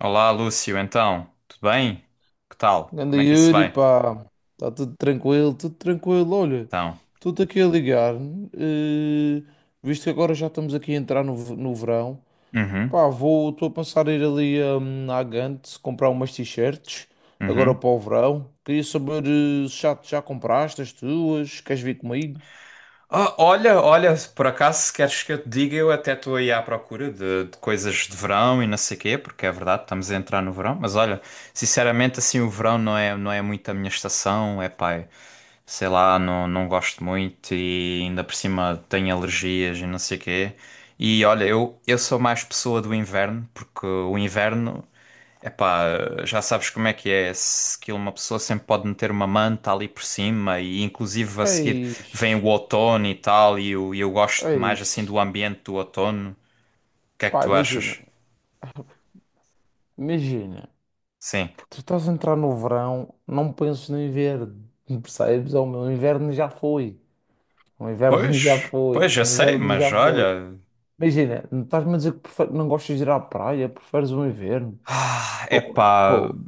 Olá, Lúcio, então, tudo bem? Que tal? Ganda Como é que isso Yuri, vai? pá, está tudo tranquilo, tudo tranquilo. Olha, Então, tudo aqui a ligar, eh, visto que agora já estamos aqui a entrar no verão, uhum, pá, vou, estou a pensar em ir ali à Gant comprar umas t-shirts agora uhum. para o verão. Queria saber se já, já compraste as tuas, queres vir comigo? Ah, olha, olha, por acaso, se queres que eu te diga, eu até estou aí à procura de coisas de verão e não sei quê, porque é verdade, estamos a entrar no verão, mas olha, sinceramente, assim, o verão não é muito a minha estação, é pá, é, sei lá, não, não gosto muito e ainda por cima tenho alergias e não sei quê. E olha, eu sou mais pessoa do inverno, porque o inverno, epá, já sabes como é que é, se que uma pessoa sempre pode meter uma manta ali por cima e inclusive a seguir vem Eis, o outono e tal, e eu gosto mais assim eis, do ambiente do outono. O que é que pá, tu achas? imagina, Sim. tu estás a entrar no verão, não penses no inverno, percebes? Inverno já foi. O inverno já Pois, foi. pois, já O sei, inverno mas já foi. olha. Imagina, não estás-me a dizer que não gostas de ir à praia, preferes o inverno? Ah, Pô, epá, pô.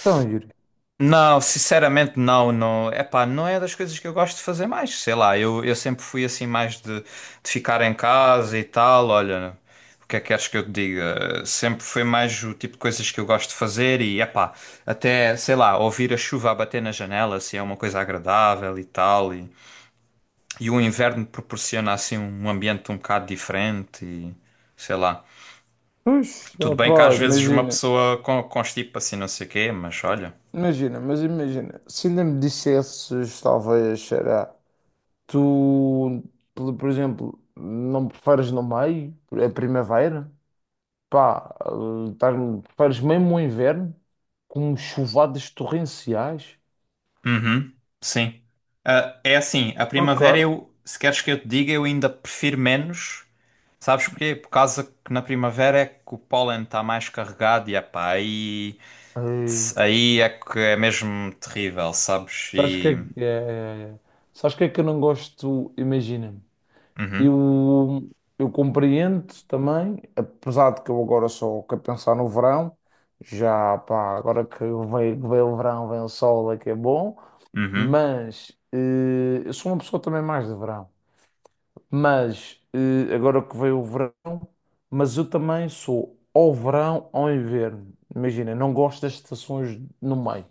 Então, Yuri. não, sinceramente não, não, epá, não é das coisas que eu gosto de fazer mais, sei lá, eu sempre fui assim mais de ficar em casa e tal, olha, o que é que queres que eu te diga? Sempre foi mais o tipo de coisas que eu gosto de fazer e, epá, até, sei lá, ouvir a chuva a bater na janela, assim, é uma coisa agradável e tal, e o inverno proporciona assim um ambiente um bocado diferente e sei lá. Pois, Tudo bem que opá, às vezes uma imagina. pessoa constipa assim não sei o quê, mas olha. Imagina. Se ainda me dissesses, talvez, será. Tu, por exemplo, não preferes no meio, a primavera? Pá, preferes mesmo o inverno? Com chuvadas torrenciais? Uhum, sim. Ah, é assim, a Ok. primavera eu, se queres que eu te diga, eu ainda prefiro menos. Sabes porquê? Por causa que na primavera é que o pólen está mais carregado e epá, aí, Ei, aí é que é mesmo terrível, sabes? Sabes E. que é, sabes que é que eu não gosto? Imagina, Uhum, eu, eu compreendo também, apesar de que eu agora só quero pensar no verão, já pá, agora que vem o verão, vem o sol, é que é bom, uhum. mas eu sou uma pessoa também mais de verão, mas agora que veio o verão, mas eu também sou ao verão, ao inverno. Imagina, não gosto das estações no meio.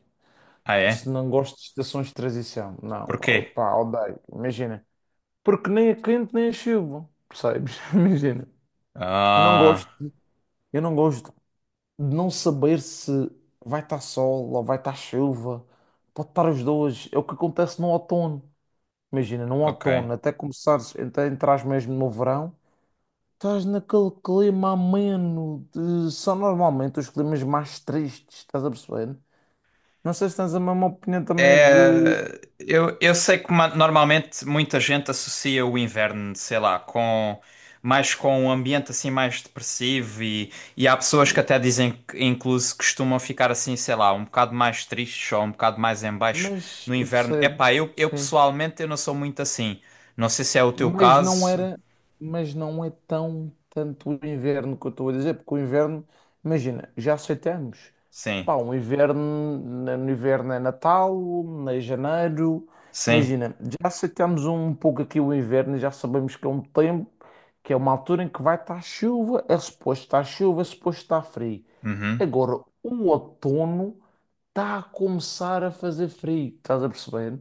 Ah, Se é? não gosto de estações de transição, não, Porquê? oh, pá, odeio, imagina. Porque nem é quente nem é chuva, percebes? Imagina. Eu não Ah, gosto, eu não gosto de não saber se vai estar sol ou vai estar chuva. Pode estar os dois. É o que acontece no outono. Imagina, no ok. outono, até começares, até entrares mesmo no verão, estás naquele clima ameno. De... São normalmente os climas mais tristes, estás a perceber? Não sei se tens a mesma opinião também que. É, eu sei que normalmente muita gente associa o inverno, sei lá, com mais com um ambiente assim mais depressivo e há pessoas que até dizem que incluso costumam ficar assim, sei lá, um bocado mais tristes ou um bocado mais em baixo Mas no eu inverno. percebo, Epá, eu sim. pessoalmente eu não sou muito assim. Não sei se é o teu Mas não caso. era, mas não é tão tanto o inverno que eu estou a dizer, porque o inverno, imagina, já aceitamos. Sim, Pá, um inverno, no inverno é Natal, em janeiro, sim, imagina, já aceitamos um pouco aqui o inverno, já sabemos que é um tempo, que é uma altura em que vai estar chuva, é suposto estar chuva, é suposto estar frio. uhum, Agora, o outono está a começar a fazer frio, estás a perceber?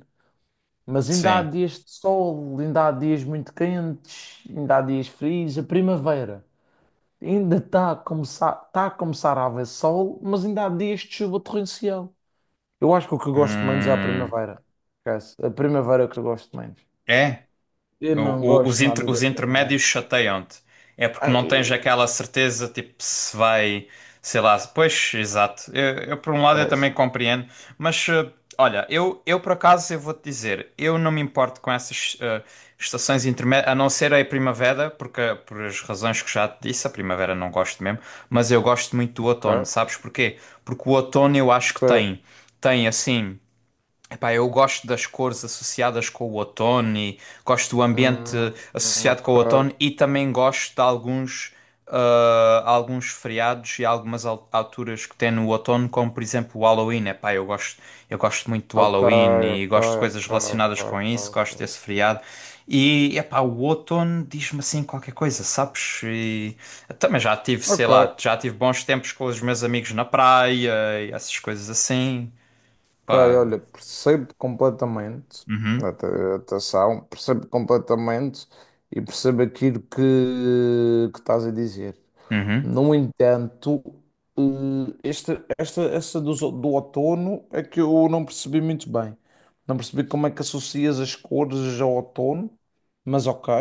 Mas ainda há sim. dias de sol, ainda há dias muito quentes, ainda há dias frios. A primavera ainda está a começar a haver sol, mas ainda há dias de chuva torrencial. Eu acho que o que eu gosto menos é a Hum, primavera. Esquece. A primavera é que eu gosto menos. é? Eu não O- os, gosto nada da os primavera. intermédios chateiam-te. É porque não tens Ai, aquela certeza, tipo, se vai, sei lá, pois, exato. Eu, por um lado eu também esquece. compreendo, mas olha, eu por acaso eu vou-te dizer, eu não me importo com essas estações intermédias, a não ser a primavera, porque por as razões que já te disse, a primavera não gosto mesmo, mas eu gosto muito do Ok. outono, sabes porquê? Porque o outono eu acho que Ok. tem, tem assim. Epá, eu gosto das cores associadas com o outono e gosto do ambiente Hum, associado ok. com o outono e também gosto de alguns, ah, alguns feriados e algumas alturas que tem no outono, como por exemplo o Halloween. Epá, eu gosto muito do Ok, Halloween e ok, gosto de coisas ok, relacionadas com ok, isso, gosto ok. desse feriado. E epá, o outono diz-me assim qualquer coisa, sabes? E eu também já tive, sei Ok. lá, Ok. já tive bons tempos com os meus amigos na praia e essas coisas assim. Ok, Pá. olha, percebo completamente Uhum. A atenção, percebo completamente e percebo aquilo que estás a dizer. Uhum. No entanto, eh, esta, essa do outono é que eu não percebi muito bem. Não percebi como é que associas as cores ao outono, mas ok.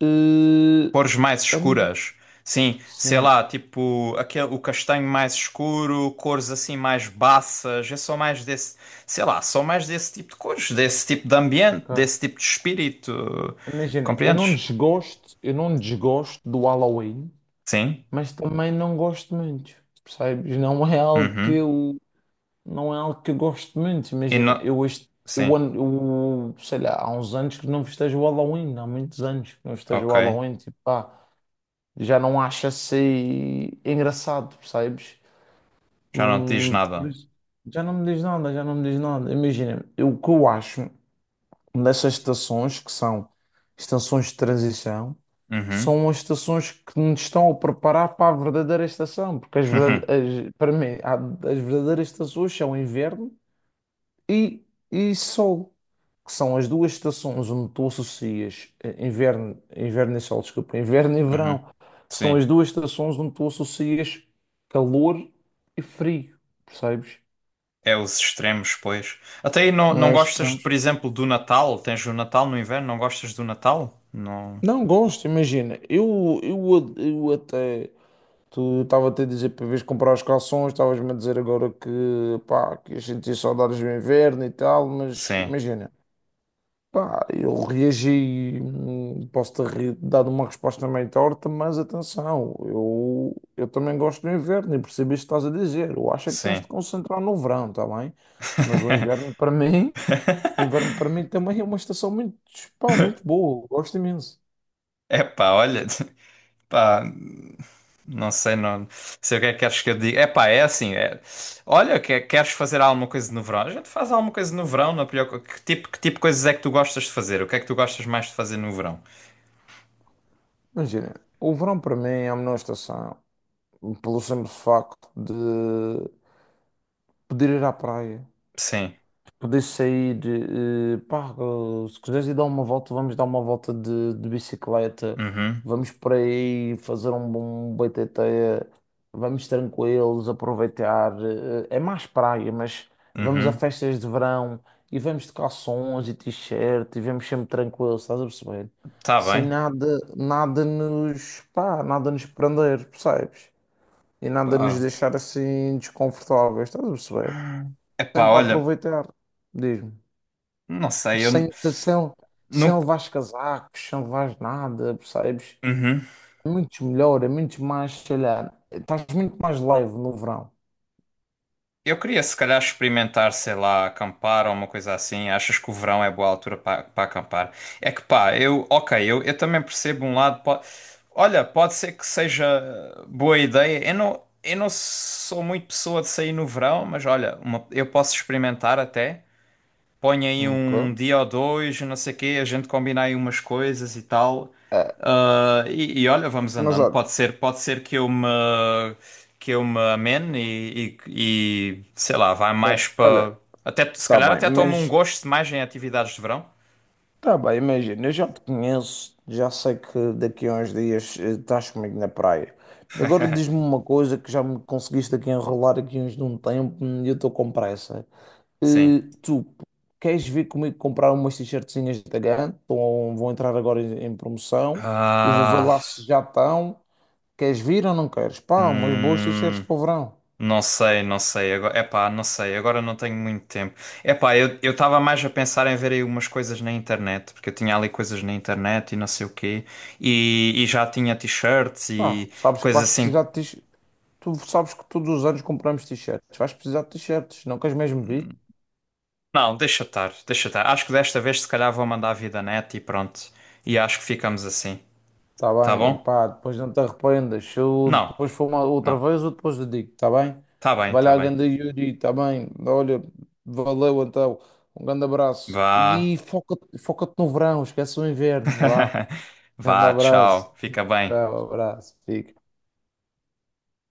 Eh, Cores mais a nível- escuras. Sim, sei Sim, lá, tipo aquele, o castanho mais escuro, cores assim mais baças, é só mais desse, sei lá, só mais desse tipo de cores, desse tipo de ambiente, ok. desse tipo de espírito. Imagina, Compreendes? Eu não desgosto do Halloween. Sim. Mas também não gosto muito, percebes? Não é algo que Uhum. eu, não é algo que eu gosto muito. E Imagina, não. Sim, eu, sei lá, há uns anos que não festejo o Halloween, há muitos anos que não festejo o ok. Halloween, tipo, pá, já não acho assim engraçado, percebes? Já não te diz Por nada. isso, já não me diz nada. Imagina, o que eu acho nessas estações, que são estações de transição, Uhum. são as estações que nos estão a preparar para a verdadeira estação, porque as verdade- as- para mim, as verdadeiras estações são inverno e, e sol, que são as duas estações onde tu associas inverno e sol, desculpa, inverno e Uhum. verão, que são Sim. as duas estações onde tu associas calor e frio, percebes? É os extremos, pois. Até aí não, não Nós gostas, estamos. por exemplo, do Natal? Tens o Natal no inverno? Não gostas do Natal? Não. Não gosto, imagina. Eu até. Tu estava-te a dizer para vez comprar os calções, estavas-me a dizer agora que, pá, que a gente ia sentir saudades do inverno e tal, mas Sim. imagina, pá, eu reagi, dado uma resposta meio torta, mas atenção, eu também gosto do inverno e percebi isto que estás a dizer. Eu acho é que tens Sim. de concentrar no verão, está bem? Mas o inverno para mim também é uma estação muito, pá, muito boa, eu gosto imenso. Epá, olha, pá, não sei, não sei o que é que queres que eu diga. Epá, é assim, é, olha, que, queres fazer alguma coisa no verão? A gente faz alguma coisa no verão, não é pior, que tipo de coisas é que tu gostas de fazer? O que é que tu gostas mais de fazer no verão? Imagina, o verão para mim é a menor estação, pelo simples facto de poder ir à praia, Sim. de poder sair, pá, se quiseres ir dar uma volta, vamos dar uma volta de bicicleta, Uhum, vamos por aí fazer um bom BTT, vamos tranquilos, aproveitar, é mais praia, mas vamos a uhum. festas de verão e vamos de calções e t-shirt e vamos sempre tranquilos, estás a perceber? Tá Sem bem. nada, nada nos, pá, nada nos prender, percebes? E nada nos Pá. deixar assim desconfortáveis, estás a perceber? Epá, Sempre a olha, aproveitar, diz-me. não sei, Sem, sem, sem nunca. levar os casacos, sem levar nada, percebes? Uhum. É muito melhor, é muito mais, sei lá, estás muito mais leve no verão. Eu queria, se calhar, experimentar, sei lá, acampar ou uma coisa assim. Achas que o verão é boa altura para acampar? É que pá, eu, ok, eu também percebo um lado. Olha, pode ser que seja boa ideia. Eu não sou muito pessoa de sair no verão, mas olha, eu posso experimentar até põe aí Ok. um dia ou dois, não sei o quê, a gente combina aí umas coisas e tal. É, Ah, e olha, vamos mas andando. olha, Pode ser que que eu me amene e, sei lá, vai mais é, para. olha, Até, se tá calhar bem, até tomo um gosto mais em atividades de verão. Imagina, eu já te conheço, já sei que daqui a uns dias estás comigo na praia. Agora diz-me uma coisa que já me conseguiste aqui enrolar aqui uns de um tempo e eu estou com pressa. Sim. Tu queres vir comigo comprar umas t-shirtzinhas da GAN? Vão entrar agora em promoção. Eu vou ver Ah, lá se já estão. Queres vir ou não queres? Pá, umas boas t-shirts hum. para o verão. Não sei, não sei. Agora, epá, não sei. Agora não tenho muito tempo. Epá, eu estava mais a pensar em ver aí umas coisas na internet, porque eu tinha ali coisas na internet e não sei o quê. E já tinha t-shirts Pá, e sabes que coisas vais assim. precisar de t-shirts. Tu sabes que todos os anos compramos t-shirts. Vais precisar de t-shirts. Não queres mesmo vir? Não, deixa estar, deixa estar. Acho que desta vez se calhar vou mandar a vida net e pronto. E acho que ficamos assim. Tá Tá bem, bom? pá, depois não te arrependas. Se eu Não, depois for uma outra não. vez, eu depois te digo, tá bem? Tá bem, Vai tá lá, bem. ganda Yuri, tá bem? Olha, valeu então. Um grande abraço. Vá. E foca-te no verão, esquece o inverno, vá. Grande Vá, abraço. tchau. Fica bem. Tchau, abraço. Fica.